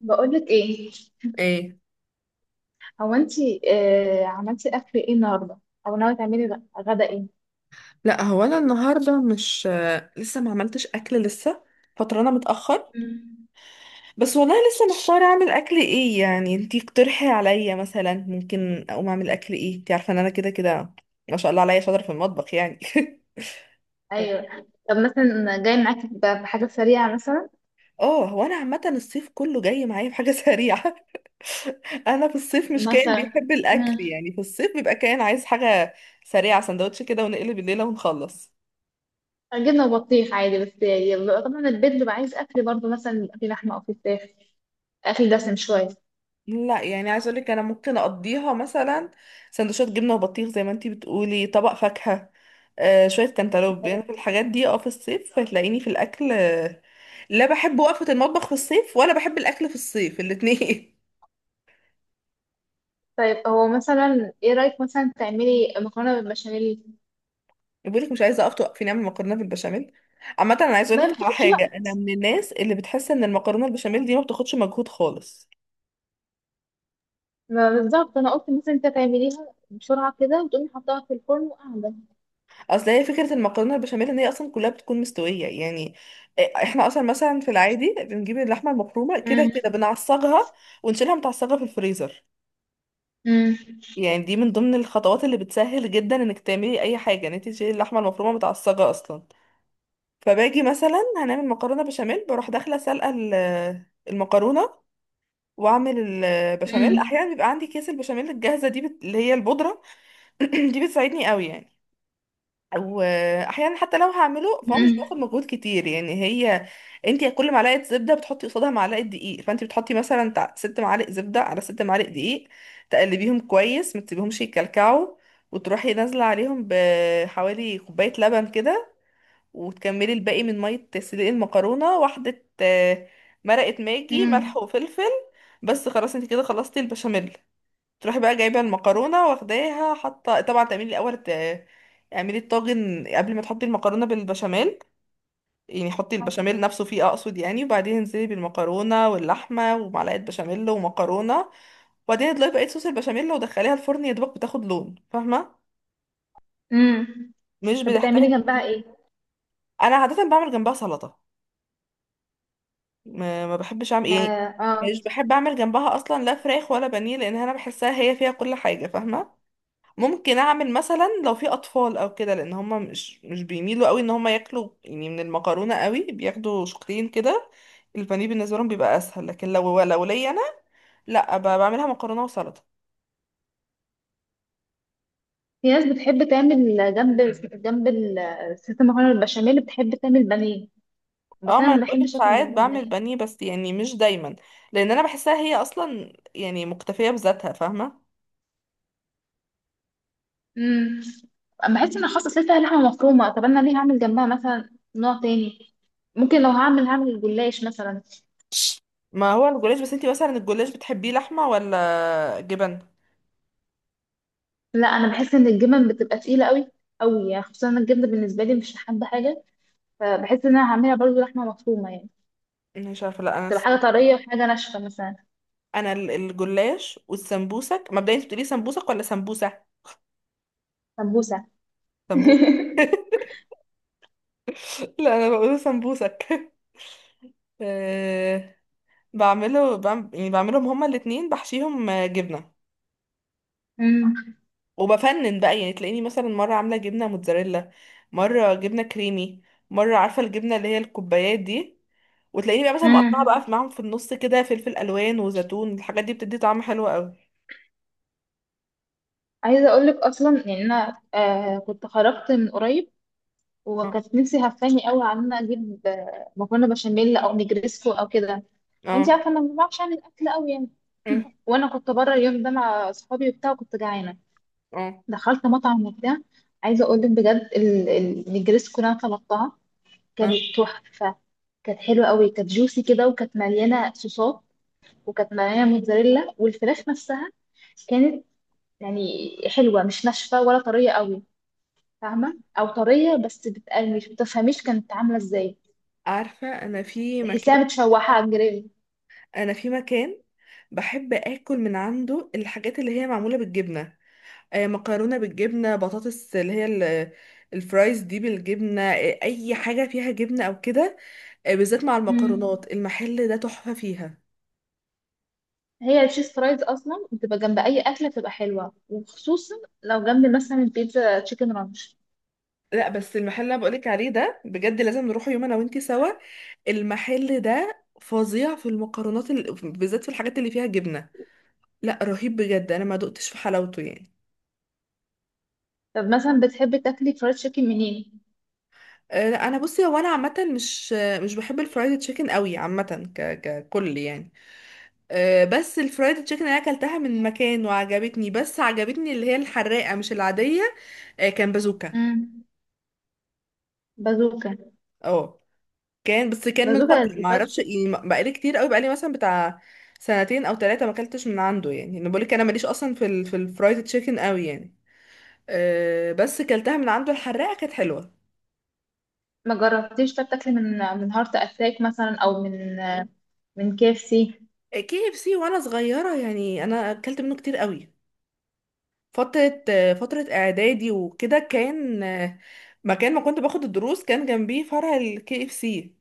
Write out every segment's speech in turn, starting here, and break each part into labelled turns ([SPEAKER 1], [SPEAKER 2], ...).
[SPEAKER 1] بقولك ايه.
[SPEAKER 2] ايه.
[SPEAKER 1] هو انتي عملتي اكل ايه النهارده، او ناويه تعملي غدا ايه؟
[SPEAKER 2] لا هو انا النهارده مش لسه ما عملتش اكل لسه. فطرانه متاخر.
[SPEAKER 1] مم.
[SPEAKER 2] بس والله لسه محتاره اعمل اكل ايه، يعني انتي اقترحي عليا مثلا ممكن اقوم اعمل اكل ايه. انتي عارفه ان انا كده كده ما شاء الله عليا شاطره في المطبخ يعني.
[SPEAKER 1] ايوه. طب مثلا جاي معاكي بحاجه سريعه مثلا.
[SPEAKER 2] اه، هو انا عامه الصيف كله جاي معايا بحاجه سريعه. انا في الصيف مش كائن
[SPEAKER 1] مثلا.
[SPEAKER 2] بيحب الاكل،
[SPEAKER 1] مم.
[SPEAKER 2] يعني في الصيف بيبقى كائن عايز حاجه سريعه، سندوتش كده ونقلب الليله ونخلص.
[SPEAKER 1] جبنه وبطيخ عادي، بس يبقى طبعا البيت بيبقى عايز اكل برضه، مثلا يبقى فيه لحمه او فيه فراخ، اكل دسم شويه.
[SPEAKER 2] لا يعني عايزه اقول لك انا ممكن اقضيها مثلا سندوتشات جبنه وبطيخ زي ما انتي بتقولي، طبق فاكهه، آه شويه كانتالوب، يعني في
[SPEAKER 1] ايوه.
[SPEAKER 2] الحاجات دي. اه، في الصيف هتلاقيني في الاكل، لا بحب وقفه المطبخ في الصيف ولا بحب الاكل في الصيف، الاتنين.
[SPEAKER 1] طيب هو مثلا ايه رايك مثلا تعملي مكرونه بالبشاميل؟
[SPEAKER 2] بقول لك مش عايزه اقف، توقفيني اعمل مكرونه بالبشاميل. عامه انا عايزه
[SPEAKER 1] ما
[SPEAKER 2] اقول
[SPEAKER 1] هي
[SPEAKER 2] لك
[SPEAKER 1] ما
[SPEAKER 2] على
[SPEAKER 1] بتاخدش
[SPEAKER 2] حاجه،
[SPEAKER 1] وقت،
[SPEAKER 2] انا من الناس اللي بتحس ان المكرونه البشاميل دي ما بتاخدش مجهود خالص.
[SPEAKER 1] ما بالظبط انا قلت مثلا انت تعمليها بسرعه كده وتقومي حطها في الفرن وقاعده.
[SPEAKER 2] اصل هي فكره المكرونه البشاميل ان هي اصلا كلها بتكون مستويه، يعني احنا اصلا مثلا في العادي بنجيب اللحمه المفرومه كده كده
[SPEAKER 1] امم.
[SPEAKER 2] بنعصجها ونشيلها متعصجه في الفريزر. يعني دي من ضمن الخطوات اللي بتسهل جدا انك تعملي اي حاجه، ان انت تشيلي اللحمه المفرومه متعصجه اصلا. فباجي مثلا هنعمل مكرونه بشاميل بروح داخله سالقه المكرونه واعمل البشاميل.
[SPEAKER 1] امم.
[SPEAKER 2] احيانا بيبقى عندي كيس البشاميل الجاهزه دي اللي هي البودره. دي بتساعدني قوي يعني. واحيانا حتى لو هعمله فهو مش
[SPEAKER 1] مم.
[SPEAKER 2] بياخد مجهود كتير يعني. هي انت كل معلقه زبده بتحطي قصادها معلقه دقيق، فانت بتحطي مثلا ست معالق زبده على ست معالق دقيق، تقلبيهم كويس ما تسيبيهمش يتكلكعوا، وتروحي نازله عليهم بحوالي كوبايه لبن كده، وتكملي الباقي من ميه تسليق المكرونه، واحده مرقه ماجي
[SPEAKER 1] مم.
[SPEAKER 2] ملح وفلفل. بس خلاص انت كده خلصتي البشاميل. تروحي بقى جايبه المكرونه واخداها حاطه، طبعا تعملي الاول اعملي الطاجن قبل ما تحطي المكرونه بالبشاميل، يعني حطي البشاميل نفسه فيه اقصد يعني، وبعدين انزلي بالمكرونه واللحمه ومعلقه بشاميل ومكرونه، وبعدين اضيفي بقيه صوص البشاميل ودخليها الفرن يا دوبك بتاخد لون، فاهمه؟
[SPEAKER 1] مم.
[SPEAKER 2] مش
[SPEAKER 1] طب
[SPEAKER 2] بتحتاج.
[SPEAKER 1] بتعملي جنبها ايه؟
[SPEAKER 2] انا عاده بعمل جنبها سلطه. ما بحبش اعمل
[SPEAKER 1] ما.
[SPEAKER 2] ايه،
[SPEAKER 1] اه.
[SPEAKER 2] مش بحب اعمل جنبها اصلا لا فراخ ولا بانيه، لان انا بحسها هي فيها كل حاجه فاهمه. ممكن اعمل مثلا لو في اطفال او كده، لان هما مش بيميلوا قوي ان هما ياكلوا يعني من المكرونه قوي، بياخدوا شقين كده. البانيه بالنسبه لهم بيبقى اسهل، لكن لو ليا انا لا، بعملها مكرونه وسلطه.
[SPEAKER 1] في ناس بتحب تعمل جنب، جنب الست المكرونه البشاميل بتحب تعمل بانيه،
[SPEAKER 2] اه،
[SPEAKER 1] بس
[SPEAKER 2] ما
[SPEAKER 1] انا
[SPEAKER 2] انا
[SPEAKER 1] ما
[SPEAKER 2] بقولك
[SPEAKER 1] بحبش اكل
[SPEAKER 2] ساعات
[SPEAKER 1] جنبها
[SPEAKER 2] بعمل
[SPEAKER 1] بانيه.
[SPEAKER 2] بانيه بس يعني مش دايما، لان انا بحسها هي اصلا يعني مكتفيه بذاتها فاهمه.
[SPEAKER 1] امم. بحس ان خاصه لسه لحمه مفرومه، طب انا ليه هعمل جنبها مثلا نوع تاني؟ ممكن لو هعمل جلاش مثلا.
[SPEAKER 2] ما هو الجلاش، بس انتي مثلا الجلاش بتحبيه لحمه ولا جبن؟
[SPEAKER 1] لا انا بحس ان الجبن بتبقى تقيله قوي، قوي يعني، خصوصا إن الجبنه بالنسبه لي مش حابه حاجه، فبحس ان انا هعملها برضو لحمه مفرومه يعني،
[SPEAKER 2] مش عارفه. لا انا
[SPEAKER 1] تبقى حاجه طريه وحاجه ناشفه مثلا.
[SPEAKER 2] انا الجلاش والسمبوسك، مبدئيا انت بتقولي سمبوسك ولا سمبوسه؟
[SPEAKER 1] سمبوسه.
[SPEAKER 2] سمبوسة. لا انا بقوله سمبوسك. أه، يعني بعملهم هما الاتنين، بحشيهم جبنة،
[SPEAKER 1] امم.
[SPEAKER 2] وبفنن بقى يعني، تلاقيني مثلا مرة عاملة جبنة موتزاريلا، مرة جبنة كريمي، مرة عارفة الجبنة اللي هي الكوبايات دي. وتلاقيني بقى مثلا مقطعة بقى
[SPEAKER 1] امم.
[SPEAKER 2] معاهم في النص كده فلفل ألوان وزيتون، الحاجات دي بتدي طعم حلو قوي.
[SPEAKER 1] عايزه اقول لك اصلا يعني انا كنت خرجت من قريب،
[SPEAKER 2] اه.
[SPEAKER 1] وكانت نفسي هفاني قوي على ان انا اجيب مكرونه بشاميل او نجريسكو او كده. وانت
[SPEAKER 2] اه.
[SPEAKER 1] عارفه انا ما بعرفش اعمل اكل قوي يعني.
[SPEAKER 2] أمم.
[SPEAKER 1] وانا كنت بره اليوم ده مع اصحابي وبتاع، وكنت جعانه،
[SPEAKER 2] اه.
[SPEAKER 1] دخلت مطعم وبتاع. عايزه اقول لك بجد، النجريسكو اللي انا طلبتها كانت
[SPEAKER 2] اه.
[SPEAKER 1] تحفه، كانت حلوه قوي، كانت جوسي كده، وكانت مليانه صوصات، وكانت مليانه موتزاريلا والفراخ نفسها كانت يعني حلوة، مش ناشفة ولا طرية قوي، فاهمة؟ أو طرية بس بتبقى مش بتفهميش كانت عاملة ازاي،
[SPEAKER 2] عارفة، أنا في
[SPEAKER 1] تحسيها
[SPEAKER 2] مكان،
[SPEAKER 1] متشوحة على الجريل.
[SPEAKER 2] أنا في مكان بحب آكل من عنده الحاجات اللي هي معمولة بالجبنة، مكرونه بالجبنه، بطاطس اللي هي الفرايز دي بالجبنه، اي حاجه فيها جبنه او كده. بالذات مع
[SPEAKER 1] مم.
[SPEAKER 2] المكرونات، المحل ده تحفه فيها.
[SPEAKER 1] هي التشيز فرايز أصلا بتبقى جنب أي أكلة بتبقى حلوة، وخصوصا لو جنب مثلا البيتزا تشيكن رانش.
[SPEAKER 2] لا بس المحل اللي أنا بقولك عليه ده بجد لازم نروح يوم انا وانتي سوا. المحل ده فظيع في المكرونات، بالذات في الحاجات اللي فيها جبنه. لا رهيب بجد، انا ما دقتش في حلاوته يعني.
[SPEAKER 1] طب مثلا بتحبي تاكلي فرايد تشيكن منين؟
[SPEAKER 2] لا انا بصي، هو انا عامه مش بحب الفرايد تشيكن قوي عامه ككل يعني. بس الفرايد تشيكن اللي انا اكلتها من مكان وعجبتني، بس عجبتني اللي هي الحراقه مش العاديه. كان بازوكا.
[SPEAKER 1] مم. بازوكا.
[SPEAKER 2] اه، كان، بس كان من فتره
[SPEAKER 1] بازوكا
[SPEAKER 2] ما
[SPEAKER 1] الفرايد
[SPEAKER 2] اعرفش
[SPEAKER 1] تشيكن.
[SPEAKER 2] يعني، بقالي كتير قوي، بقالي مثلا بتاع سنتين او ثلاثه ما اكلتش من عنده. يعني انا بقولك انا ماليش اصلا في الفرايد تشيكن قوي يعني. أه، بس كلتها من عنده الحراقه كانت حلوه.
[SPEAKER 1] ما جربتيش. طب تاكلي من هارت أتاك مثلا، أو من من كي اف سي.
[SPEAKER 2] كي اف سي وانا صغيره يعني انا اكلت منه كتير قوي، فتره فتره اعدادي وكده، كان مكان ما كنت باخد الدروس كان جنبيه فرع الكي اف سي.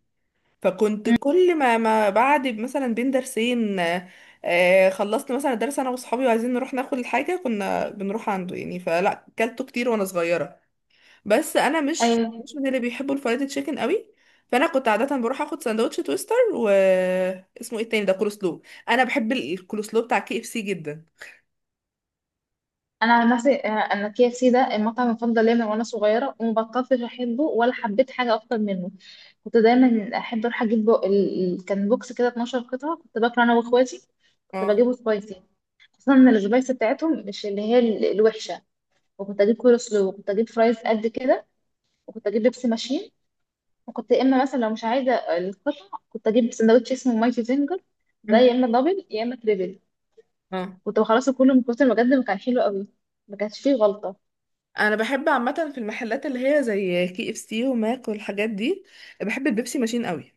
[SPEAKER 2] فكنت كل ما، ما بعد مثلا بين درسين، خلصت مثلا درس انا واصحابي وعايزين نروح ناخد الحاجه كنا بنروح عنده يعني، فلا كلته كتير وانا صغيره. بس انا مش من اللي بيحبوا الفرايد تشيكن قوي، فانا كنت عاده بروح اخد سندوتش تويستر، و اسمه ايه التاني ده، كولسلو. انا بحب الكولسلو بتاع كي اف سي جدا.
[SPEAKER 1] انا عن نفسي انا كي اف سي ده المطعم المفضل ليا من وانا صغيره، وما بطلتش احبه، ولا حبيت حاجه اكتر منه. كنت دايما احب اروح اجيب كان بوكس كده 12 قطعه كنت باكله انا واخواتي. كنت
[SPEAKER 2] اه.
[SPEAKER 1] بجيبه سبايسي، خصوصا ان السبايسي بتاعتهم مش اللي هي الوحشه، وكنت اجيب كول سلو، وكنت اجيب فرايز قد كده، وكنت اجيب بيبسي ماشين. وكنت يا اما مثلا لو مش عايزه القطع، كنت اجيب سندوتش اسمه مايتي زنجر، ده
[SPEAKER 2] مم.
[SPEAKER 1] يا اما دبل يا اما تريبل.
[SPEAKER 2] اه.
[SPEAKER 1] كنت بخلصه كله من كتر بجد ما كان حلو قوي، ما كانش فيه غلطه.
[SPEAKER 2] انا بحب عامه في المحلات اللي هي زي كي اف سي وماك والحاجات دي، بحب البيبسي ماشين قوي.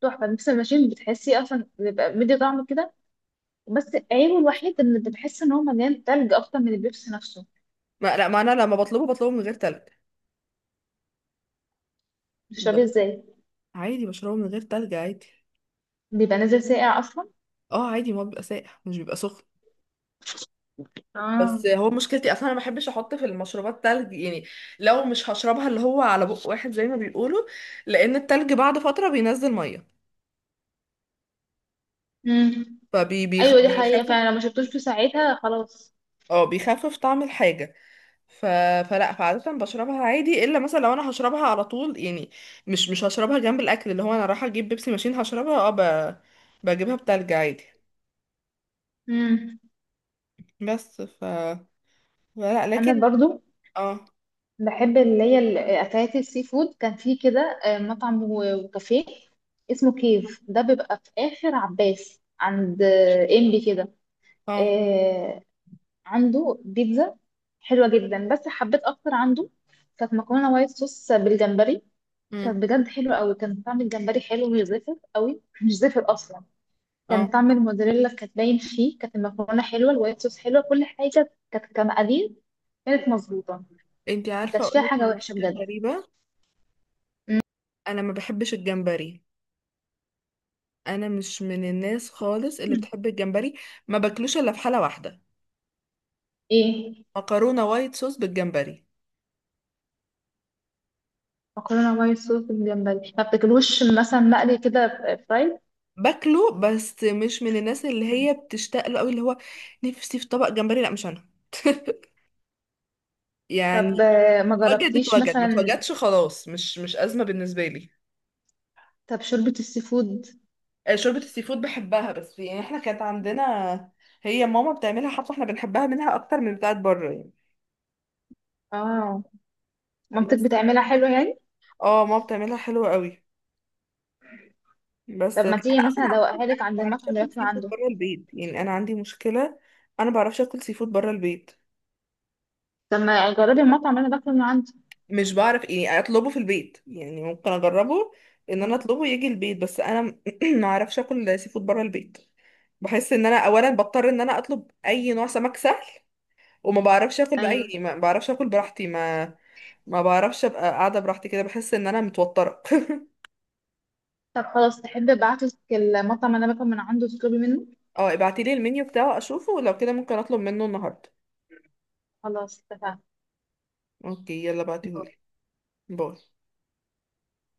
[SPEAKER 1] تحفة. نفس الماشين بتحسي أصلا بيبقى مدي طعم كده، بس عيبه الوحيد إن بتحس إن هو مليان تلج أكتر من البيبسي نفسه.
[SPEAKER 2] ما لا، ما انا لما بطلبه بطلبه من غير تلج. ب-
[SPEAKER 1] بتشربيه إزاي؟
[SPEAKER 2] عادي بشربه من غير تلج عادي.
[SPEAKER 1] بيبقى نازل ساقع أصلا.
[SPEAKER 2] اه عادي، ما هو بيبقى ساقع مش بيبقى سخن.
[SPEAKER 1] اه.
[SPEAKER 2] بس هو مشكلتي اصلا انا ما بحبش احط في المشروبات تلج يعني، لو مش هشربها اللي هو على بق واحد زي ما بيقولوا، لان التلج بعد فتره بينزل ميه
[SPEAKER 1] مم. أيوة دي حقيقة،
[SPEAKER 2] فبيخفف.
[SPEAKER 1] فعلا لو ما شربتوش في ساعتها خلاص.
[SPEAKER 2] اه بيخفف طعم الحاجه ف... فلا فعاده بشربها عادي، الا مثلا لو انا هشربها على طول يعني، مش هشربها جنب الاكل. اللي هو انا رايحه اجيب بيبسي ماشين هشربها، اه، بجيبها بتلج عادي.
[SPEAKER 1] مم.
[SPEAKER 2] بس ف لا
[SPEAKER 1] أنا
[SPEAKER 2] لكن
[SPEAKER 1] برضو
[SPEAKER 2] اه.
[SPEAKER 1] بحب اللي هي الأكلات السي فود. كان في كده مطعم وكافيه اسمه كيف، ده بيبقى في آخر عباس عند إمبي كده.
[SPEAKER 2] اه.
[SPEAKER 1] آه، عنده بيتزا حلوة جدا، بس حبيت أكتر عنده كانت مكرونة وايت صوص بالجمبري. كانت
[SPEAKER 2] مم.
[SPEAKER 1] بجد حلوة أوي، كان طعم الجمبري حلو مش زفر أوي، مش زفر أصلا، كان
[SPEAKER 2] اه.
[SPEAKER 1] طعم الموزاريلا كانت باين فيه، كانت المكرونة حلوة، الوايت صوص حلوة، كل حاجة كانت كمقادير كانت مظبوطة،
[SPEAKER 2] انتي عارفة
[SPEAKER 1] مكانش فيها
[SPEAKER 2] اقولك
[SPEAKER 1] حاجة
[SPEAKER 2] على
[SPEAKER 1] وحشة
[SPEAKER 2] حاجة
[SPEAKER 1] بجد.
[SPEAKER 2] غريبة، انا ما بحبش الجمبري. انا مش من الناس خالص اللي
[SPEAKER 1] مم.
[SPEAKER 2] بتحب الجمبري، ما باكلوش الا في حالة واحدة:
[SPEAKER 1] إيه.
[SPEAKER 2] مكرونة وايت صوص بالجمبري.
[SPEAKER 1] مكرونة وايت صوص بالجمبري. ما بتاكلوش مثلا مقلي كده، فرايد؟
[SPEAKER 2] باكله بس مش من الناس اللي
[SPEAKER 1] مم.
[SPEAKER 2] هي بتشتاق له قوي، اللي هو نفسي في طبق جمبري، لا مش انا.
[SPEAKER 1] طب
[SPEAKER 2] يعني
[SPEAKER 1] ما
[SPEAKER 2] اتوجد
[SPEAKER 1] جربتيش
[SPEAKER 2] اتوجد ما
[SPEAKER 1] مثلا
[SPEAKER 2] اتوجدش خلاص، مش ازمة بالنسبة لي.
[SPEAKER 1] طب شوربة السي فود؟
[SPEAKER 2] شوربة السي فود بحبها، بس يعني احنا كانت عندنا، هي ماما بتعملها، حتى احنا بنحبها منها اكتر من بتاعت بره يعني.
[SPEAKER 1] اه. مامتك
[SPEAKER 2] بس
[SPEAKER 1] بتعملها حلو يعني؟
[SPEAKER 2] اه ماما بتعملها حلوة قوي.
[SPEAKER 1] طب
[SPEAKER 2] بس
[SPEAKER 1] ما
[SPEAKER 2] انا
[SPEAKER 1] تيجي مثلا
[SPEAKER 2] اصلا عامة انا
[SPEAKER 1] ادوقها لك عند
[SPEAKER 2] ما بعرفش
[SPEAKER 1] المطعم اللي
[SPEAKER 2] اكل
[SPEAKER 1] باكله
[SPEAKER 2] سي فود
[SPEAKER 1] عنده.
[SPEAKER 2] بره البيت، يعني انا عندي مشكلة، انا ما بعرفش اكل سي فود بره البيت.
[SPEAKER 1] طب ما جربي المطعم اللي انا باكله من عنده.
[SPEAKER 2] مش بعرف ايه اطلبه في البيت، يعني ممكن اجربه ان انا اطلبه يجي البيت، بس انا ما اعرفش اكل سي فود بره البيت. بحس ان انا اولا بضطر ان انا اطلب اي نوع سمك سهل، وما بعرفش اكل،
[SPEAKER 1] ايوه.
[SPEAKER 2] باي ما بعرفش اكل براحتي، ما ما بعرفش ابقى قاعدة براحتي كده، بحس ان انا متوترة.
[SPEAKER 1] طب خلاص، تحب ابعتلك المطعم اللي انا باكل من عنده تطلبي منه؟
[SPEAKER 2] اه ابعتيلي المنيو بتاعه اشوفه، ولو كده ممكن اطلب منه النهاردة.
[SPEAKER 1] خلاص اتفقنا.
[SPEAKER 2] اوكي يلا بعتيهولي. باي.